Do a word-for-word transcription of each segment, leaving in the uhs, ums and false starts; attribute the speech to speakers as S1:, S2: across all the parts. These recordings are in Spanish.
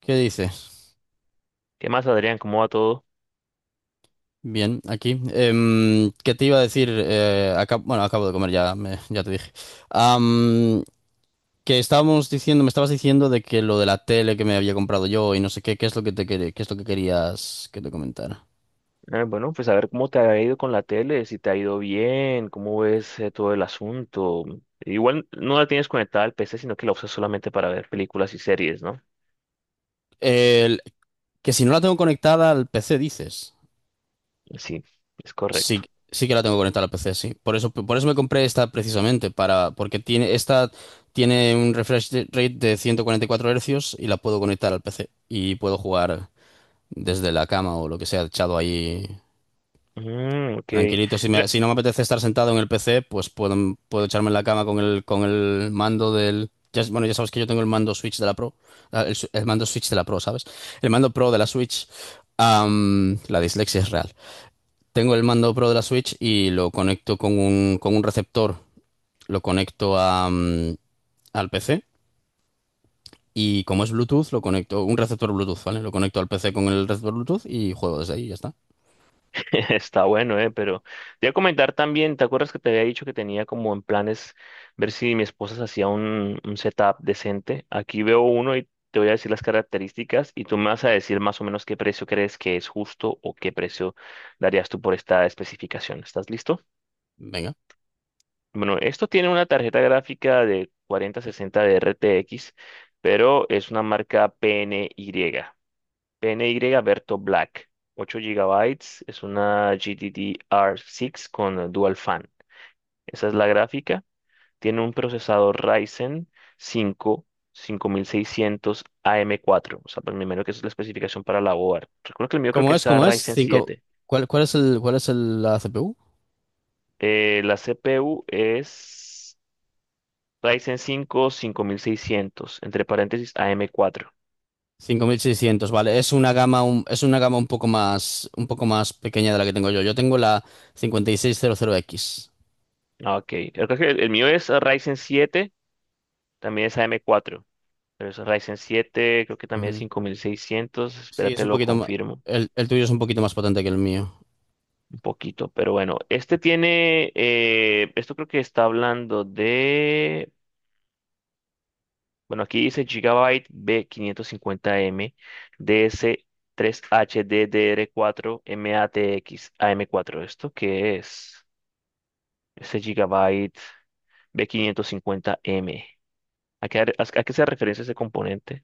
S1: ¿Qué dices?
S2: ¿Qué más, Adrián? ¿Cómo va todo?
S1: Bien, aquí. Em, ¿qué te iba a decir? Eh, acab- bueno, acabo de comer, ya, me- ya te dije. Am, que estábamos diciendo, me estabas diciendo de que lo de la tele que me había comprado yo y no sé qué, qué es lo que te quer- qué es lo que querías que te comentara.
S2: Eh, bueno, pues a ver cómo te ha ido con la tele, si te ha ido bien, cómo ves eh, todo el asunto. Igual no la tienes conectada al P C, sino que la usas solamente para ver películas y series, ¿no?
S1: El- que si no la tengo conectada al P C, dices.
S2: Sí, es correcto.
S1: Sí, sí que la tengo conectada al P C, sí. Por eso, por eso me compré esta precisamente, para, porque tiene, esta tiene un refresh de- rate de ciento cuarenta y cuatro hercios Hz y la puedo conectar al P C y puedo jugar. Desde la cama o lo que sea, echado ahí
S2: Mm, ok.
S1: tranquilito. Si,
S2: Mira,
S1: me- si no me apetece estar sentado en el P C, pues puedo, puedo echarme en la cama con el, con el mando del... ya- Bueno, ya sabes que yo tengo el mando Switch de la Pro, ah, el, su- el mando Switch de la Pro, ¿sabes? El mando Pro de la Switch. Am, la dislexia es real. Tengo el mando Pro de la Switch y lo conecto con un, con un receptor, lo conecto a, mm, al P C. Y como es Bluetooth, lo conecto, un receptor Bluetooth, ¿vale? Lo conecto al P C con el receptor Bluetooth y juego desde ahí, ya está.
S2: está bueno, ¿eh? Pero te voy a comentar también, ¿te acuerdas que te había dicho que tenía como en planes ver si mi esposa se hacía un, un setup decente? Aquí veo uno y te voy a decir las características y tú me vas a decir más o menos qué precio crees que es justo o qué precio darías tú por esta especificación. ¿Estás listo?
S1: Venga.
S2: Bueno, esto tiene una tarjeta gráfica de cuarenta sesenta de R T X, pero es una marca P N Y. P N Y Berto Black, ocho gigabytes, es una G D D R seis con Dual Fan. Esa es la gráfica. Tiene un procesador Ryzen cinco cinco mil seiscientos am cuatro. O sea, pues me imagino que esa es la especificación para la board. Recuerdo que el mío creo
S1: ¿Cómo
S2: que
S1: es?
S2: es a
S1: ¿Cómo es?
S2: Ryzen
S1: Cinco,
S2: siete.
S1: ¿cuál, cuál es el, ¿cuál es el, la C P U?
S2: Eh, la C P U es Ryzen cinco cinco mil seiscientos entre paréntesis am cuatro.
S1: Seiscientos, vale, es una gama un, es una gama un poco más un poco más pequeña de la que tengo yo. Yo tengo la cincuenta y seis cero cero x.
S2: Ah, ok, creo que el el mío es Ryzen siete, también es am cuatro. Pero es un Ryzen siete, creo que también es
S1: Ujú.
S2: cinco mil seiscientos.
S1: Sí, es
S2: Espérate,
S1: un
S2: lo
S1: poquito más,
S2: confirmo
S1: el, el tuyo es un poquito más potente que el mío.
S2: un poquito, pero bueno, este tiene, eh, esto creo que está hablando de, bueno, aquí dice Gigabyte b quinientos cincuenta m D S tres H ds D S tres H D D R cuatro M A T X A M cuatro. ¿Esto qué es? Ese Gigabyte b quinientos cincuenta M. ¿a qué, a qué se referencia ese componente?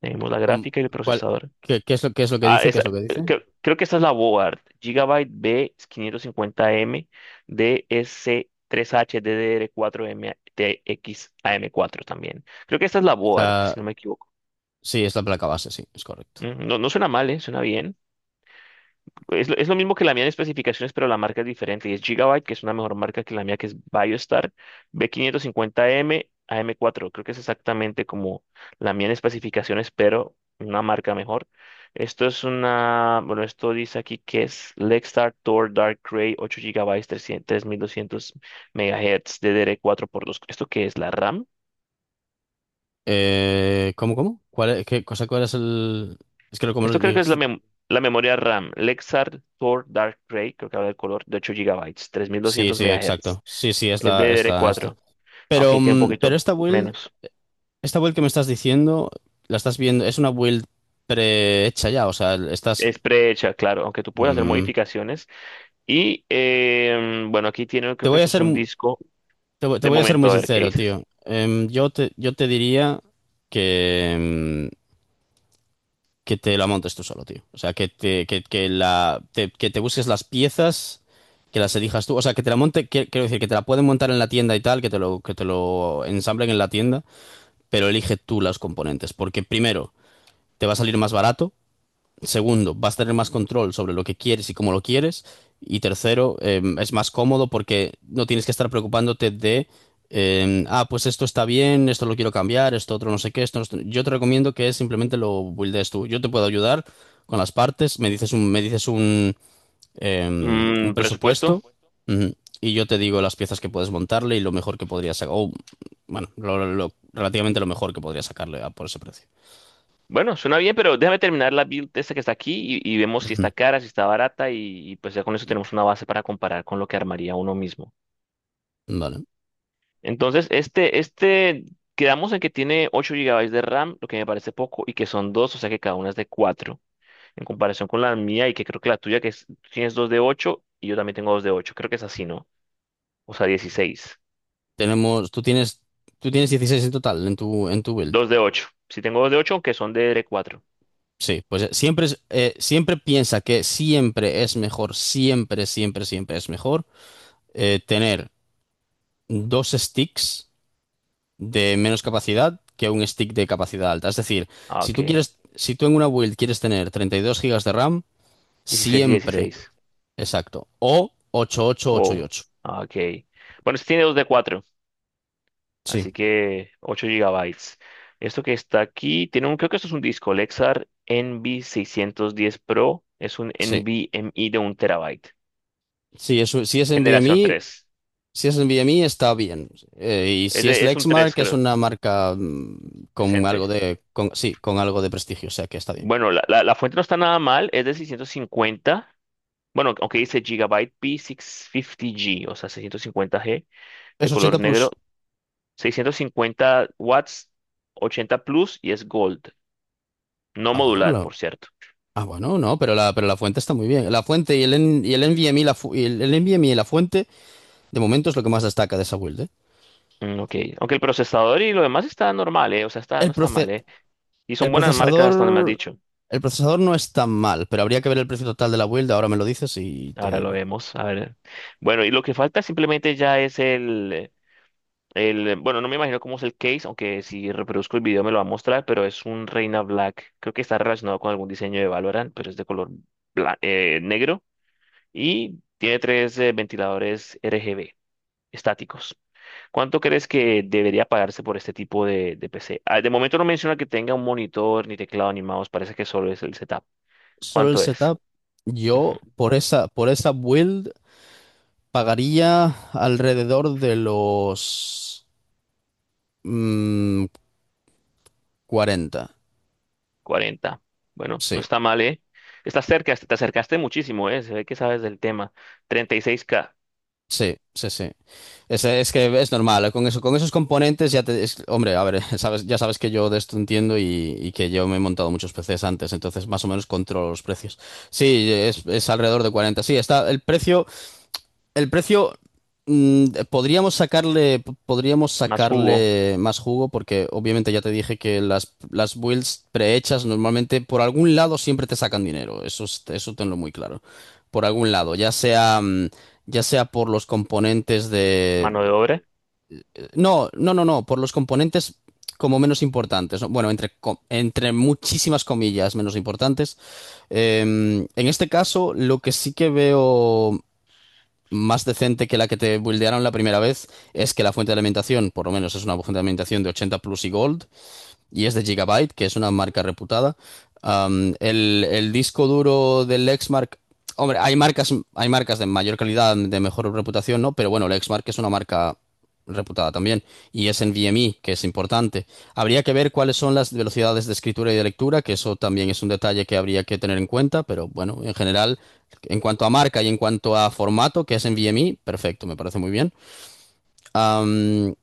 S2: Tenemos la
S1: ¿Cómo-
S2: gráfica y el
S1: cuál-
S2: procesador.
S1: qué, ¿qué es lo, qué es lo que
S2: Ah,
S1: dice? ¿Qué
S2: esa-
S1: es lo que dice?
S2: creo, creo que esta es la board. Gigabyte B quinientos cincuenta M d DSC3HDDR4MTX mtx m cuatro también. Creo que esta es la
S1: Es
S2: board,
S1: la-
S2: si no me equivoco.
S1: sí, es la placa base, sí, es correcto.
S2: Mm, No, no suena mal, ¿eh? Suena bien. Es lo, es lo mismo que la mía en especificaciones, pero la marca es diferente. Y es Gigabyte, que es una mejor marca que la mía, que es BioStar, b quinientos cincuenta m A m cuatro. Creo que es exactamente como la mía en especificaciones, pero una marca mejor. Esto es una, bueno, esto dice aquí que es Lextar Tor Dark Gray ocho gigabytes trescientos tres mil doscientos MHz, ddr cuatro por dos. ¿Esto qué es? ¿La RAM?
S1: Eh, ¿cómo, cómo? ¿Cuál, es- qué cosa, cuál es el...? Es que lo- como lo
S2: Esto creo que es la,
S1: dijiste...
S2: mem- la memoria RAM. Lexar Tor Dark Gray, creo que habla del color, de ocho gigabytes tres mil
S1: Sí,
S2: doscientos
S1: sí,
S2: MHz.
S1: exacto. Sí, sí, es
S2: Es de
S1: la, es la esta.
S2: D D R cuatro. Ok,
S1: Pero,
S2: tiene un
S1: mm, pero
S2: poquito
S1: esta build,
S2: menos.
S1: esta build que me estás diciendo, la estás viendo, es una build prehecha ya, o sea, estás...
S2: Es prehecha, claro, aunque tú puedes hacer
S1: mm,
S2: modificaciones. Y eh, bueno, aquí tiene,
S1: te
S2: creo que
S1: voy a
S2: esto es
S1: ser,
S2: un
S1: mu-
S2: disco,
S1: te, voy te
S2: de
S1: voy a ser muy
S2: momento, a ver qué
S1: sincero,
S2: dices.
S1: tío. Em, yo te, yo te diría que, mm, que te la montes tú solo, tío. O sea, que te, que, que la, te, que te busques las piezas, que las elijas tú. O sea, que te la monte, que- quiero decir, que te la pueden montar en la tienda y tal, que te lo, que te lo ensamblen en la tienda, pero elige tú las componentes, porque primero, te va a salir más barato. Segundo, vas a tener más control sobre lo que quieres y cómo lo quieres. Y tercero, eh, es más cómodo porque no tienes que estar preocupándote de, eh, ah, pues esto está bien, esto lo quiero cambiar, esto otro no sé qué, esto no- Yo te recomiendo que simplemente lo buildes tú. Yo te puedo ayudar con las partes, me dices un, me dices un, eh, un
S2: Mm, presupuesto.
S1: presupuesto ujú, y yo te digo las piezas que puedes montarle y lo mejor que podrías sacar, o bueno, lo, lo- lo- relativamente lo mejor que podrías sacarle a- por ese precio.
S2: Bueno, suena bien, pero déjame terminar la build esta que está aquí y, y vemos si
S1: Ujú.
S2: está cara, si está barata y, y pues ya con eso tenemos una base para comparar con lo que armaría uno mismo.
S1: Vale.
S2: Entonces, este, este, quedamos en que tiene ocho gigabytes de RAM, lo que me parece poco, y que son dos, o sea que cada una es de cuatro en comparación con la mía, y que creo que la tuya que es, tú tienes dos de ocho y yo también tengo dos de ocho, creo que es así, ¿no? O sea, dieciséis,
S1: Tenemos, tú tienes, tú tienes dieciséis en total en tu, en tu build.
S2: dos de ocho. Si tengo dos de ocho, aunque son de cuatro.
S1: Sí, pues eh, siempre, es- eh, siempre piensa que siempre es mejor, siempre, siempre, siempre es mejor eh, tener dos sticks de menos capacidad que un stick de capacidad alta. Es decir,
S2: Ah,
S1: si tú
S2: ok.
S1: quieres, si tú en una build quieres tener treinta y dos gigas de RAM,
S2: Dieciséis y
S1: siempre,
S2: dieciséis.
S1: exacto, o ocho, ocho, ocho
S2: Oh,
S1: y
S2: no.
S1: ocho.
S2: Ah, ok. Bueno, este tiene dos de cuatro,
S1: Sí.
S2: así que ocho gigabytes. Esto que está aquí tiene un, creo que esto es un disco, Lexar N V seiscientos diez Pro, es un
S1: Sí,
S2: NVMe de un terabyte.
S1: sí, eso, si es
S2: Generación
S1: NVMe,
S2: tres.
S1: Si es en NVMe está bien. Eh, y
S2: Es,
S1: si es
S2: de- es un
S1: Lexmark
S2: tres,
S1: es
S2: creo.
S1: una marca mm, con algo
S2: Decente.
S1: de con, sí, con algo de prestigio, o sea que está bien.
S2: Bueno, la, la- la fuente no está nada mal, es de seiscientos cincuenta. Bueno, aunque dice Gigabyte P seiscientos cincuenta G, o sea, seiscientos cincuenta g, de
S1: Es
S2: color
S1: ochenta
S2: negro,
S1: plus.
S2: seiscientos cincuenta watts, ochenta plus y es gold, no
S1: Ah, bueno,
S2: modular,
S1: la-
S2: por cierto.
S1: ah, bueno, no, pero la, pero la fuente está muy bien. La fuente y el, N- y el NVMe, y la fu- y el, el NVMe y la fuente, de momento es lo que más destaca de esa build, ¿eh?
S2: Mm, ok, aunque el procesador y lo demás está normal, ¿eh? O sea, está, no
S1: El
S2: está
S1: proce-
S2: mal, ¿eh? Y son
S1: el
S2: buenas marcas hasta donde me has
S1: procesador,
S2: dicho.
S1: el procesador no es tan mal, pero habría que ver el precio total de la build. Ahora me lo dices y te
S2: Ahora lo
S1: digo.
S2: vemos, a ver. Bueno, y lo que falta simplemente ya es el, El, bueno, no me imagino cómo es el case, aunque si reproduzco el video me lo va a mostrar, pero es un Reina Black. Creo que está relacionado con algún diseño de Valorant, pero es de color bla- eh, negro, y tiene tres eh, ventiladores R G B estáticos. ¿Cuánto crees que debería pagarse por este tipo de, de P C? Ah, de momento no menciona que tenga un monitor, ni teclado, ni mouse, parece que solo es el setup.
S1: Solo el
S2: ¿Cuánto es?
S1: setup, yo
S2: Ujú,
S1: por esa, por esa build. Pagaría alrededor de los mm, cuarenta.
S2: cuarenta. Bueno, no
S1: Sí,
S2: está mal, ¿eh? Estás cerca, te acercaste muchísimo, ¿eh? Se ve que sabes del tema. Treinta y seis k.
S1: sí, sí, sí. Es, es que es normal. ¿Eh? Con eso, con esos componentes ya te... es- hombre, a ver, sabes, ya sabes que yo de esto entiendo y, y que yo me he montado muchos P Cs antes, entonces más o menos controlo los precios. Sí, es, es alrededor de cuarenta. Sí, está el precio. El precio, mm, podríamos sacarle, podríamos
S2: Más jugo.
S1: sacarle más jugo porque obviamente ya te dije que las, las builds prehechas normalmente por algún lado siempre te sacan dinero. Eso, es- eso tenlo muy claro. Por algún lado, ya sea, mm, ya sea por los componentes de...
S2: Mano de obra.
S1: No, no, no, no, por los componentes como menos importantes. ¿No? Bueno, entre, co- entre muchísimas comillas menos importantes. Em, en este caso, lo que sí que veo más decente que la que te buildearon la primera vez es que la fuente de alimentación, por lo menos es una fuente de alimentación de ochenta plus y gold, y es de Gigabyte, que es una marca reputada. Um, el, el, disco duro del Lexmark, hombre, hay marcas, hay marcas de mayor calidad, de mejor reputación, ¿no? Pero bueno, Lexmark es una marca reputada también y es en V M I, que es importante. Habría que ver cuáles son las velocidades de escritura y de lectura, que eso también es un detalle que habría que tener en cuenta, pero bueno, en general, en cuanto a marca y en cuanto a formato, que es en V M I, perfecto, me parece muy bien. Um,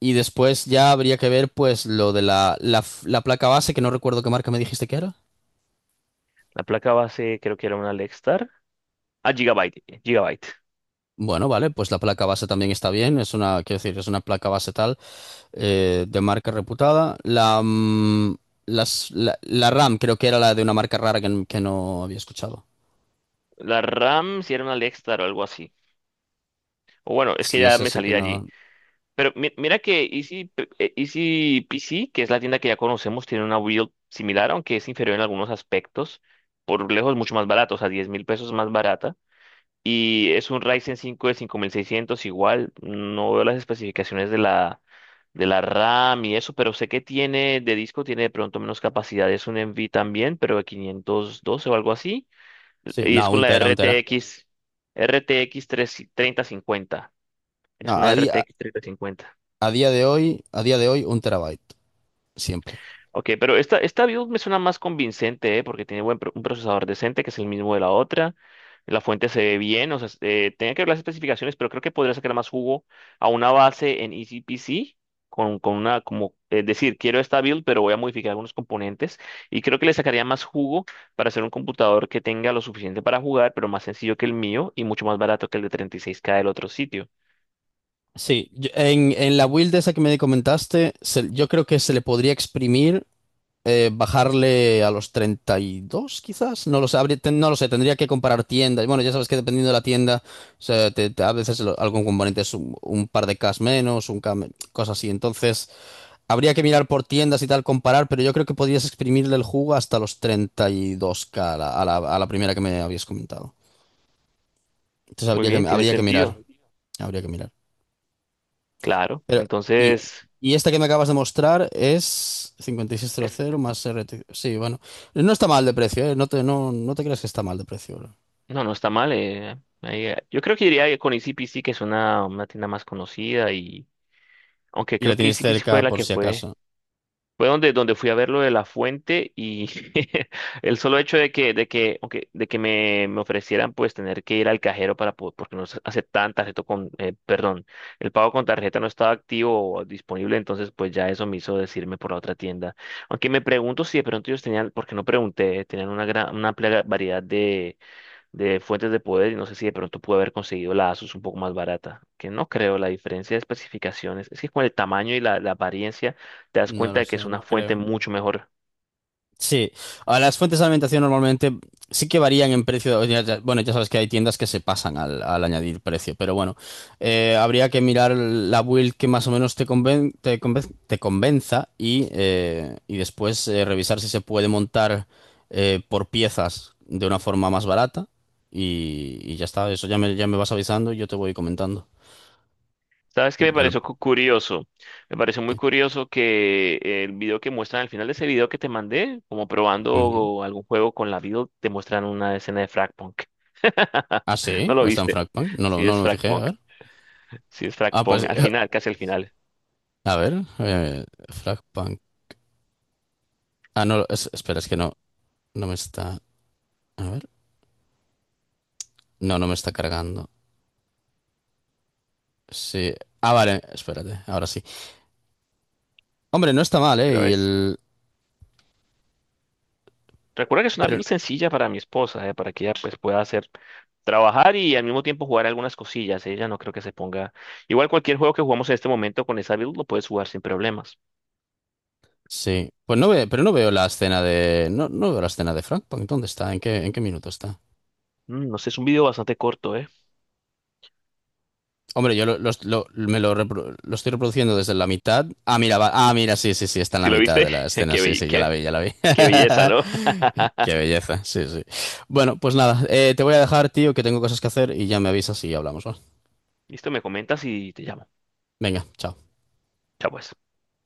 S1: y después ya habría que ver pues lo de la, la, la placa base, que no recuerdo qué marca me dijiste que era.
S2: La placa base creo que era una Lextar. Ah, Gigabyte. Gigabyte.
S1: Bueno, vale, pues la placa base también está bien, es una, quiero decir, es una placa base tal, eh, de marca reputada. La, mm, las, la, la RAM creo que era la de una marca rara que, n- que no había escuchado.
S2: La RAM, si era una Lextar o algo así. O bueno, es que
S1: Sí,
S2: ya
S1: esa
S2: me
S1: sí
S2: salí
S1: que
S2: de allí.
S1: no.
S2: Pero mi- mira que Easy, P- eh, Easy P C, que es la tienda que ya conocemos, tiene una build similar, aunque es inferior en algunos aspectos. Por lejos mucho más barata, o sea, diez mil pesos más barata. Y es un Ryzen cinco de cinco mil seiscientos igual. No veo las especificaciones de la, de la RAM y eso, pero sé que tiene de disco, tiene de pronto menos capacidad. Es un N V también, pero de quinientos doce o algo así.
S1: Sí,
S2: Y es
S1: no,
S2: con
S1: un
S2: la
S1: tera, un tera.
S2: R T X, R T X tres treinta cincuenta.
S1: No,
S2: Es una
S1: a día,
S2: R T X treinta cincuenta.
S1: a día de hoy, a día de hoy, un terabyte, siempre.
S2: Ok, pero esta, esta build me suena más convincente, ¿eh? Porque tiene buen pro- un procesador decente, que es el mismo de la otra. La fuente se ve bien, o sea, s- eh, tenía que ver las especificaciones, pero creo que podría sacar más jugo a una base en E C P C, con, con una, como, es decir, quiero esta build, pero voy a modificar algunos componentes, y creo que le sacaría más jugo para hacer un computador que tenga lo suficiente para jugar, pero más sencillo que el mío y mucho más barato que el de treinta y seis k del otro sitio.
S1: Sí, yo- en, en la build esa que me comentaste, se- yo creo que se le podría exprimir eh, bajarle a los treinta y dos quizás. No lo sé, habría- ten- no lo sé, tendría que comparar tiendas. Bueno, ya sabes que dependiendo de la tienda, o sea, te- te- a veces lo- algún componente es un, un par de Ks menos, un K, me- cosas así. Entonces, habría que mirar por tiendas y tal, comparar, pero yo creo que podrías exprimirle el jugo hasta los treinta y dos k a la, a la- a la primera que me habías comentado. Entonces,
S2: Muy
S1: habría
S2: bien,
S1: que,
S2: tiene
S1: habría que
S2: sentido,
S1: mirar, habría que mirar.
S2: claro.
S1: Pero, y,
S2: Entonces...
S1: y esta que me acabas de mostrar es cincuenta y seis cero cero más R T. Sí, bueno. No está mal de precio, ¿eh? No te, no, no te creas que está mal de precio, bro.
S2: No, no está mal. Eh, ahí, eh, yo creo que iría con E C P C, que es una, una tienda más conocida, y aunque
S1: Y la
S2: creo que
S1: tienes
S2: E C P C fue
S1: cerca
S2: la
S1: por
S2: que
S1: si
S2: fue,
S1: acaso.
S2: fue donde, donde fui a ver lo de la fuente y el solo hecho de que, de que, aunque- de que me, me ofrecieran pues tener que ir al cajero para po- porque no se aceptaban tarjeta con, eh, perdón, el pago con tarjeta no estaba activo o disponible, entonces pues ya eso me hizo decirme por la otra tienda. Aunque me pregunto si de pronto ellos tenían, porque no pregunté, tenían una gran, una amplia variedad de fuentes de poder, y no sé si de pronto pude haber conseguido la Asus un poco más barata, que no creo, la diferencia de especificaciones, es que con el tamaño y la, la apariencia te das
S1: No
S2: cuenta
S1: lo
S2: de que es
S1: sé,
S2: una
S1: no
S2: fuente
S1: creo.
S2: mucho mejor.
S1: Sí, a las fuentes de alimentación normalmente sí que varían en precio. ya- ya- Bueno, ya sabes que hay tiendas que se pasan al, al añadir precio, pero bueno, eh, habría que mirar la build que más o menos te conven- te conven- te convenza y, eh, y después eh, revisar si se puede montar eh, por piezas de una forma más barata y, y ya está. Eso ya me, ya me vas avisando y yo te voy comentando.
S2: ¿Sabes qué me
S1: Ya lo...
S2: pareció cu- curioso? Me pareció muy
S1: ¿Qué?
S2: curioso que el video que muestran al final de ese video que te mandé, como
S1: Ujú.
S2: probando algún juego con la Build, te muestran una escena de Fragpunk.
S1: Ah, sí,
S2: ¿No lo
S1: o está en
S2: viste?
S1: Fragpunk. No, lo-
S2: Sí es
S1: no me fijé, a
S2: Fragpunk,
S1: ver.
S2: sí es
S1: Ah, pues
S2: Fragpunk, al final, casi al final,
S1: a ver, eh, Fragpunk. Ah, no, es- espera, es que no, no me está. A ver. No, no me está cargando. Sí. Ah, vale, espérate, ahora sí. Hombre, no está mal, ¿eh?
S2: pero
S1: Y
S2: es...
S1: el.
S2: Recuerda que es una
S1: Pero.
S2: build sencilla para mi esposa, eh, para que ella pues pueda hacer trabajar y al mismo tiempo jugar algunas cosillas. Ella no creo que se ponga. Igual cualquier juego que jugamos en este momento con esa build lo puedes jugar sin problemas.
S1: Sí. Pues no veo, pero no veo la escena de. No, no veo la escena de Frank. Punk. ¿Dónde está? ¿En qué, en qué minuto está?
S2: Mm, no sé, es un video bastante corto, ¿eh?
S1: Hombre, yo lo, los- lo- me lo, repro- lo estoy reproduciendo desde la mitad. Ah, mira, va- ah, mira, sí, sí, sí, está en
S2: Si
S1: la
S2: lo
S1: mitad
S2: viste,
S1: de la escena.
S2: qué,
S1: Sí,
S2: be-
S1: sí, ya la
S2: qué,
S1: vi, ya la vi.
S2: qué belleza, ¿no?
S1: Qué belleza, sí, sí. Bueno, pues nada, eh, te voy a dejar, tío, que tengo cosas que hacer y ya me avisas y hablamos, ¿va?
S2: Listo, me comentas y te llamo.
S1: Venga, chao.
S2: Chao, pues.